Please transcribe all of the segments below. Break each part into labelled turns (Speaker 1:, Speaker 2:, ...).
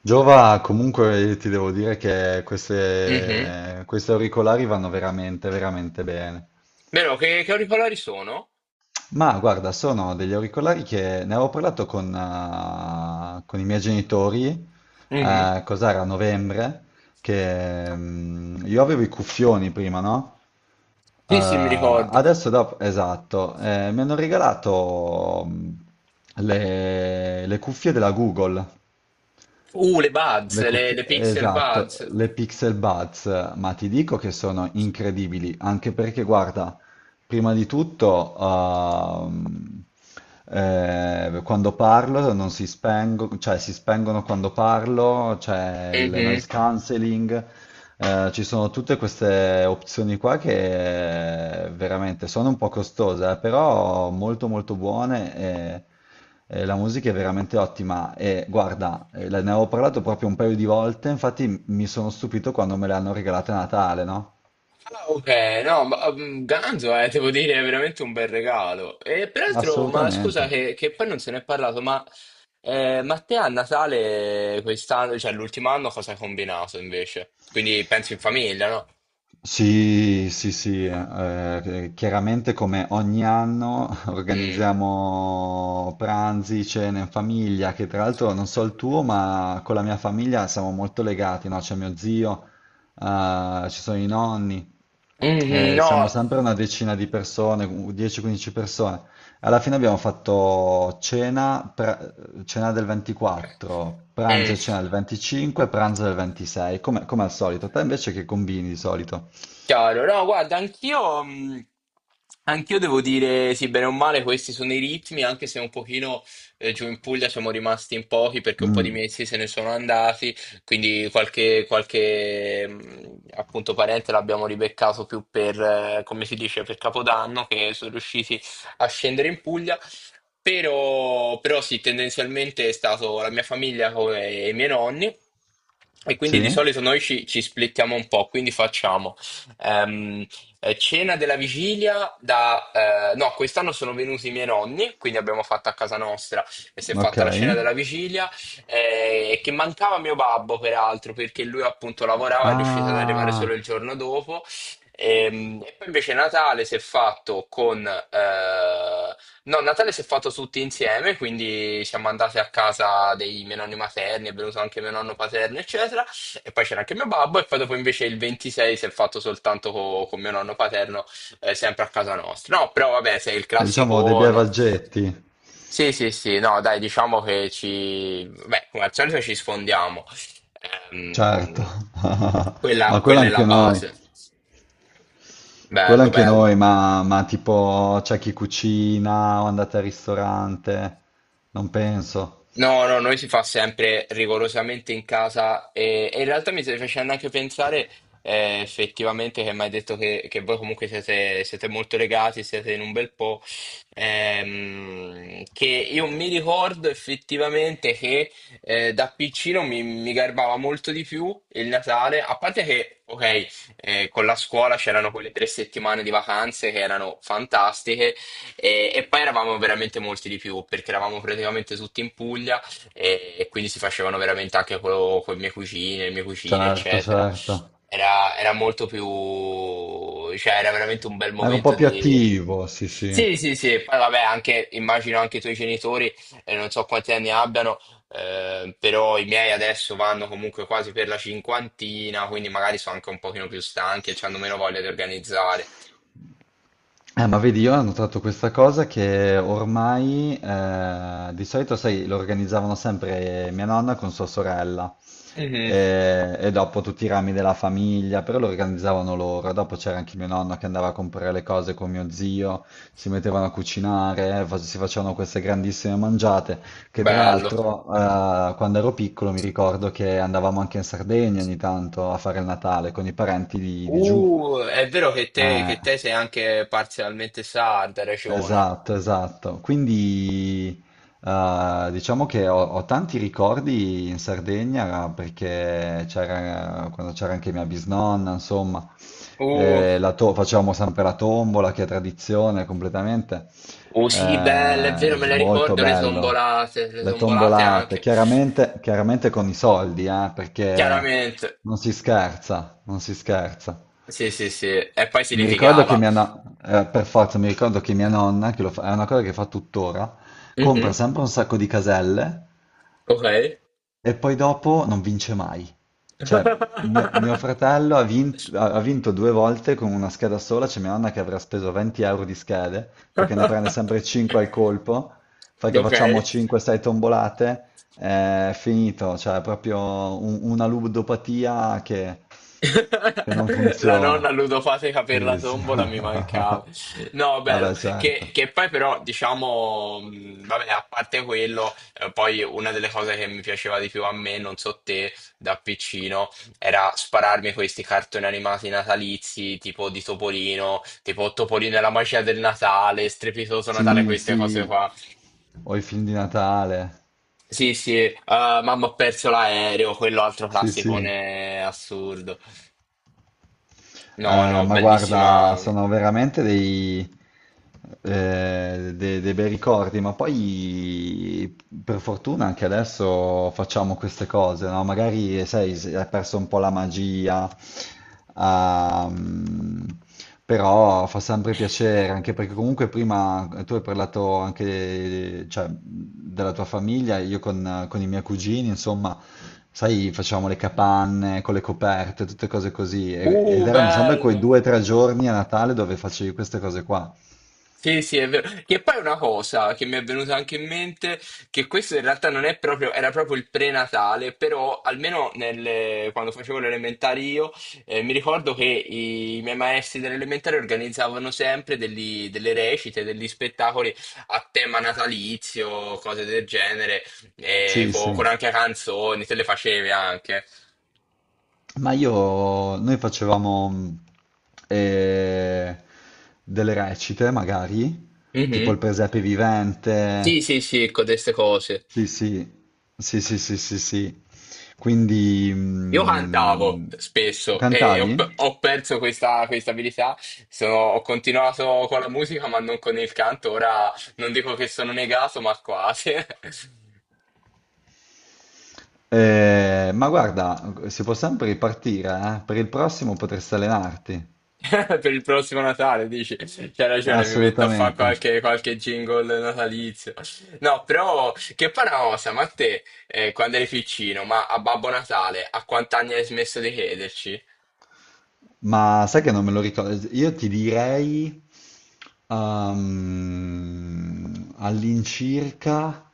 Speaker 1: Giova, comunque io ti devo dire che
Speaker 2: Mhm.
Speaker 1: queste, questi auricolari vanno veramente, veramente bene.
Speaker 2: Vero, che auricolari sono?
Speaker 1: Ma guarda, sono degli auricolari che ne avevo parlato con i miei genitori,
Speaker 2: Mhm.
Speaker 1: cos'era, a novembre, che io avevo i cuffioni prima, no?
Speaker 2: Sì, sì, mi ricordo.
Speaker 1: Adesso, dopo, esatto, mi hanno regalato le cuffie della Google.
Speaker 2: Le
Speaker 1: Le
Speaker 2: Buds, le,
Speaker 1: cuffie,
Speaker 2: le Pixel
Speaker 1: esatto,
Speaker 2: Buds.
Speaker 1: le Pixel Buds, ma ti dico che sono incredibili, anche perché guarda, prima di tutto, quando parlo non si spengono, cioè si spengono quando parlo, c'è il
Speaker 2: Mhm.
Speaker 1: noise cancelling, ci sono tutte queste opzioni qua che veramente sono un po' costose, però molto molto buone e la musica è veramente ottima. E guarda, ne avevo parlato proprio un paio di volte, infatti mi sono stupito quando me le hanno regalate a Natale, no?
Speaker 2: Ah, ok, no, ma Ganzo, devo dire, è veramente un bel regalo. E peraltro, ma scusa
Speaker 1: Assolutamente.
Speaker 2: che poi non se ne è parlato, ma te a Natale quest'anno, cioè l'ultimo anno, cosa hai combinato invece? Quindi penso in famiglia, no?
Speaker 1: Sì, sì, sì, chiaramente come ogni anno
Speaker 2: Mm.
Speaker 1: organizziamo pranzi, cene in famiglia, che tra l'altro non so il tuo, ma con la mia famiglia siamo molto legati, no? C'è mio zio, ci sono i nonni,
Speaker 2: Mhm, no.
Speaker 1: siamo sempre una decina di persone, 10-15 persone. Alla fine abbiamo fatto cena del 24, pranzo e
Speaker 2: Mm.
Speaker 1: cena del 25, pranzo del 26, come al solito. Te invece che combini di solito?
Speaker 2: Chiaro, no, guarda, anch'io devo dire, sì, bene o male, questi sono i ritmi, anche se un pochino giù in Puglia siamo rimasti in pochi perché un po' di
Speaker 1: Mm,
Speaker 2: mesi se ne sono andati, quindi qualche appunto parente l'abbiamo ribeccato più per, come si dice, per Capodanno, che sono riusciti a scendere in Puglia. Però sì, tendenzialmente è stato la mia famiglia come i miei nonni e quindi
Speaker 1: sì?
Speaker 2: di solito noi ci splittiamo un po', quindi facciamo. Ehm, cena della vigilia da. No, quest'anno sono venuti i miei nonni, quindi abbiamo fatto a casa nostra e si è
Speaker 1: Ok.
Speaker 2: fatta la cena della vigilia, che mancava mio babbo peraltro, perché lui appunto lavorava e è riuscito ad arrivare
Speaker 1: Ah,
Speaker 2: solo il giorno dopo. E poi invece Natale si è fatto con. No, Natale si è fatto tutti insieme, quindi siamo andati a casa dei miei nonni materni, è venuto anche mio nonno paterno, eccetera. E poi c'era anche mio babbo, e poi dopo invece il 26 si è fatto soltanto con mio nonno paterno, sempre a casa nostra. No, però vabbè, sei il
Speaker 1: diciamo dei bei
Speaker 2: classicone.
Speaker 1: vaggetti,
Speaker 2: Sì, sì, sì, no, dai, diciamo che ci. Beh, come al solito ci sfondiamo.
Speaker 1: certo.
Speaker 2: Ehm, quella,
Speaker 1: Ma quello
Speaker 2: quella è la
Speaker 1: anche noi.
Speaker 2: base.
Speaker 1: Quello
Speaker 2: Bello,
Speaker 1: anche
Speaker 2: bello.
Speaker 1: noi, ma tipo c'è chi cucina o andate al ristorante? Non penso.
Speaker 2: No, no, noi si fa sempre rigorosamente in casa e in realtà mi stai facendo anche pensare effettivamente che mi hai detto che voi comunque siete molto legati, siete in un bel po', che io mi ricordo effettivamente che da piccino mi garbava molto di più il Natale, a parte che, ok, con la scuola c'erano quelle 3 settimane di vacanze che erano fantastiche e poi eravamo veramente molti di più perché eravamo praticamente tutti in Puglia e quindi si facevano veramente anche con le mie cucine,
Speaker 1: Certo,
Speaker 2: eccetera.
Speaker 1: certo.
Speaker 2: Era molto più, cioè era veramente un bel
Speaker 1: Era un po'
Speaker 2: momento
Speaker 1: più
Speaker 2: di.
Speaker 1: attivo, sì, sì.
Speaker 2: Sì, sì, sì, e poi vabbè, anche, immagino anche i tuoi genitori, non so quanti anni abbiano, però i miei adesso vanno comunque quasi per la cinquantina, quindi magari sono anche un pochino più stanchi e hanno meno voglia di organizzare.
Speaker 1: Ma vedi, io ho notato questa cosa che ormai di solito, sai, lo organizzavano sempre mia nonna con sua sorella.
Speaker 2: Mhm,
Speaker 1: E e, dopo tutti i rami della famiglia, però lo organizzavano loro. Dopo c'era anche mio nonno che andava a comprare le cose con mio zio, si mettevano a cucinare, si facevano queste grandissime mangiate, che tra
Speaker 2: bello.
Speaker 1: l'altro quando ero piccolo mi ricordo che andavamo anche in Sardegna ogni tanto a fare il Natale con i parenti di giù.
Speaker 2: È vero
Speaker 1: Eh,
Speaker 2: che te sei anche parzialmente sarda, hai ragione.
Speaker 1: Esatto, esatto. Quindi diciamo che ho tanti ricordi in Sardegna perché c'era quando c'era anche mia bisnonna, insomma,
Speaker 2: Uh,
Speaker 1: facevamo sempre la tombola, che è tradizione completamente.
Speaker 2: sì, belle, è vero, me le
Speaker 1: Molto
Speaker 2: ricordo,
Speaker 1: bello.
Speaker 2: le
Speaker 1: Le
Speaker 2: son volate
Speaker 1: tombolate,
Speaker 2: anche.
Speaker 1: chiaramente, chiaramente con i soldi, perché
Speaker 2: Chiaramente.
Speaker 1: non si scherza, non si scherza.
Speaker 2: Sì, sì, sì. E poi si
Speaker 1: Mi ricordo che
Speaker 2: litigava.
Speaker 1: mia nonna, per forza, mi ricordo che mia nonna, che è una cosa che fa tuttora, compra
Speaker 2: Mhm,
Speaker 1: sempre un sacco di caselle
Speaker 2: ok.
Speaker 1: e poi dopo non vince mai. Cioè, mio fratello ha vinto, ha vinto due volte con una scheda sola, c'è mia nonna che avrà speso 20 euro di schede, perché ne prende sempre 5 al colpo, fa che
Speaker 2: Ok.
Speaker 1: facciamo 5-6 tombolate, è finito, cioè è proprio una ludopatia che non
Speaker 2: La
Speaker 1: funziona.
Speaker 2: nonna ludopatica per la
Speaker 1: Sì, sì.
Speaker 2: tombola mi mancava. No, bello.
Speaker 1: Vabbè,
Speaker 2: Che,
Speaker 1: certo.
Speaker 2: che poi però, diciamo, vabbè, a parte quello, poi una delle cose che mi piaceva di più a me, non so te, da piccino, era spararmi questi cartoni animati natalizi, tipo di Topolino, tipo Topolino e la magia del Natale, Strepitoso Natale,
Speaker 1: Sì,
Speaker 2: queste cose
Speaker 1: sì,
Speaker 2: qua.
Speaker 1: o i film di Natale.
Speaker 2: Sì, sì, mamma ho perso l'aereo, quello altro
Speaker 1: Sì, sì.
Speaker 2: classicone assurdo. No, no,
Speaker 1: Ma guarda,
Speaker 2: bellissima.
Speaker 1: sono veramente dei bei ricordi, ma poi per fortuna anche adesso facciamo queste cose, no? Magari, sai, si è perso un po' la magia. Ehm, però fa sempre piacere, anche perché comunque prima tu hai parlato anche, cioè, della tua famiglia, io con i miei cugini, insomma, sai, facevamo le capanne con le coperte, tutte cose così, ed erano sempre quei
Speaker 2: Bello.
Speaker 1: due o tre giorni a Natale dove facevi queste cose qua.
Speaker 2: Sì, sì, è vero. Che poi è una cosa che mi è venuta anche in mente, che questo in realtà non è proprio, era proprio il prenatale, però almeno quando facevo le elementari io, mi ricordo che miei maestri dell'elementare organizzavano sempre delle recite, degli spettacoli a tema natalizio, cose del genere,
Speaker 1: Sì, sì.
Speaker 2: con, anche canzoni, te le facevi anche.
Speaker 1: Ma io, noi facevamo eh, delle recite, magari, tipo il
Speaker 2: Mhm.
Speaker 1: presepe
Speaker 2: Sì,
Speaker 1: vivente.
Speaker 2: sì, sì, con queste cose.
Speaker 1: Sì, sì, sì, sì, sì, sì, sì. Quindi
Speaker 2: Io
Speaker 1: mm,
Speaker 2: cantavo spesso e ho, pe-
Speaker 1: cantavi?
Speaker 2: ho perso questa abilità. Ho continuato con la musica ma non con il canto, ora non dico che sono negato ma quasi.
Speaker 1: Ma guarda, si può sempre ripartire, eh? Per il prossimo potresti allenarti.
Speaker 2: Per il prossimo Natale dici, c'hai ragione, mi metto a fare
Speaker 1: Assolutamente.
Speaker 2: qualche jingle natalizio. No, però che fa una cosa, ma te quando eri piccino, ma a Babbo Natale, a quant'anni hai smesso di crederci?
Speaker 1: Ma sai che non me lo ricordo? Io ti direi all'incirca,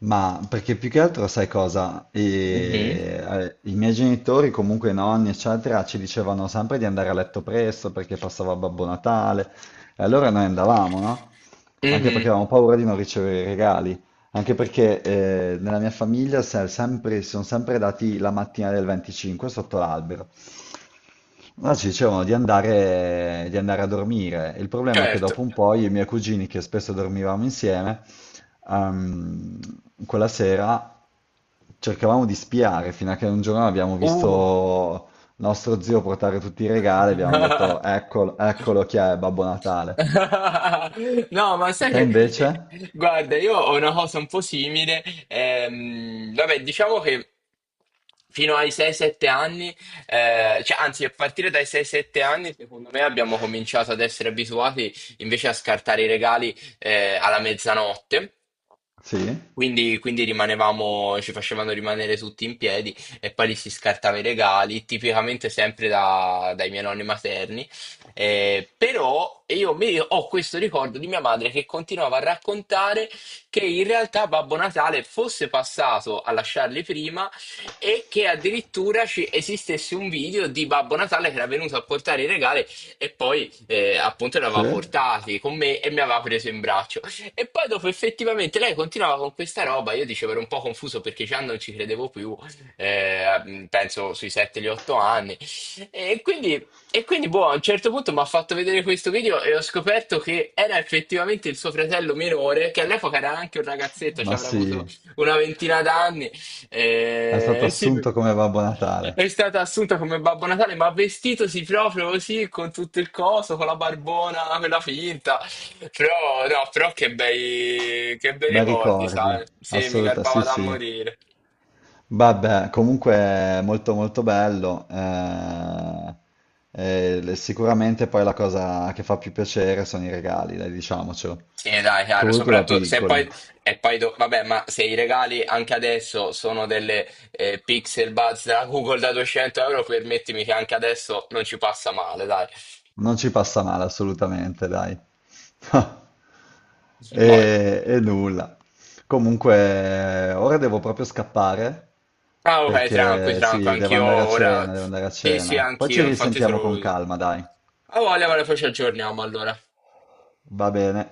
Speaker 1: ma perché più che altro sai cosa?
Speaker 2: Mhm.
Speaker 1: I miei genitori, comunque i nonni, eccetera, ci dicevano sempre di andare a letto presto perché passava Babbo Natale. E allora noi andavamo, no? Anche perché
Speaker 2: Mhm,
Speaker 1: avevamo paura di non ricevere i regali. Anche perché nella mia famiglia si sono sempre dati la mattina del 25 sotto l'albero. No, ci dicevano di andare a dormire. Il problema è che
Speaker 2: certo.
Speaker 1: dopo un po' io e i miei cugini, che spesso dormivamo insieme, ehm, quella sera cercavamo di spiare, fino a che un giorno abbiamo
Speaker 2: Uh.
Speaker 1: visto nostro zio portare tutti i regali e abbiamo detto, eccolo, eccolo chi è Babbo Natale.
Speaker 2: No, ma sai
Speaker 1: Te
Speaker 2: che,
Speaker 1: invece?
Speaker 2: guarda, io ho una cosa un po' simile. Vabbè, diciamo che fino ai 6-7 anni, cioè, anzi, a partire dai 6-7 anni, secondo me abbiamo cominciato ad essere abituati invece a scartare i regali, alla mezzanotte.
Speaker 1: Sì?
Speaker 2: Quindi rimanevamo, ci facevano rimanere tutti in piedi e poi li si scartava i regali, tipicamente sempre dai miei nonni materni. Però io ho questo ricordo di mia madre che continuava a raccontare che in realtà Babbo Natale fosse passato a lasciarli prima e che addirittura ci esistesse un video di Babbo Natale che era venuto a portare i regali e poi appunto li aveva
Speaker 1: Sì?
Speaker 2: portati con me e mi aveva preso in braccio. E poi dopo effettivamente lei continuava con questa roba, io dicevo ero un po' confuso perché già non ci credevo più, penso sui 7-8 anni. E quindi e quindi, boh, a un certo punto mi ha fatto vedere questo video e ho scoperto che era effettivamente il suo fratello minore, che all'epoca era anche un ragazzetto, ci
Speaker 1: Ma
Speaker 2: avrà
Speaker 1: sì,
Speaker 2: avuto una ventina d'anni.
Speaker 1: è stato
Speaker 2: E sì,
Speaker 1: assunto come Babbo Natale.
Speaker 2: è stata assunta come Babbo Natale, ma vestitosi proprio così, con tutto il coso, con la barbona, quella finta. Però, no, però che bei
Speaker 1: Bei
Speaker 2: ricordi,
Speaker 1: ricordi,
Speaker 2: sai? Sì, mi
Speaker 1: assoluta,
Speaker 2: garbava
Speaker 1: sì
Speaker 2: da
Speaker 1: sì.
Speaker 2: morire.
Speaker 1: Vabbè, comunque è molto molto bello. Eh, sicuramente poi la cosa che fa più piacere sono i regali, dai, diciamocelo.
Speaker 2: Sì, dai,
Speaker 1: Che ho
Speaker 2: chiaro,
Speaker 1: voluto da
Speaker 2: soprattutto se
Speaker 1: piccoli.
Speaker 2: poi, e poi vabbè, ma se i regali anche adesso sono delle Pixel Buds da Google da 200 euro, permettimi che anche adesso non ci passa male, dai.
Speaker 1: Non ci passa male assolutamente, dai.
Speaker 2: Boh.
Speaker 1: E nulla. Comunque, ora devo proprio scappare
Speaker 2: Ah, ok, tranqui,
Speaker 1: perché
Speaker 2: tranqui,
Speaker 1: sì, devo
Speaker 2: anch'io
Speaker 1: andare a
Speaker 2: ora.
Speaker 1: cena, devo andare a
Speaker 2: Sì, sì,
Speaker 1: cena. Poi ci
Speaker 2: anch'io, infatti te lo
Speaker 1: risentiamo
Speaker 2: volevo
Speaker 1: con
Speaker 2: dire.
Speaker 1: calma, dai.
Speaker 2: Ah, voglia, ma poi ci aggiorniamo allora.
Speaker 1: Va bene.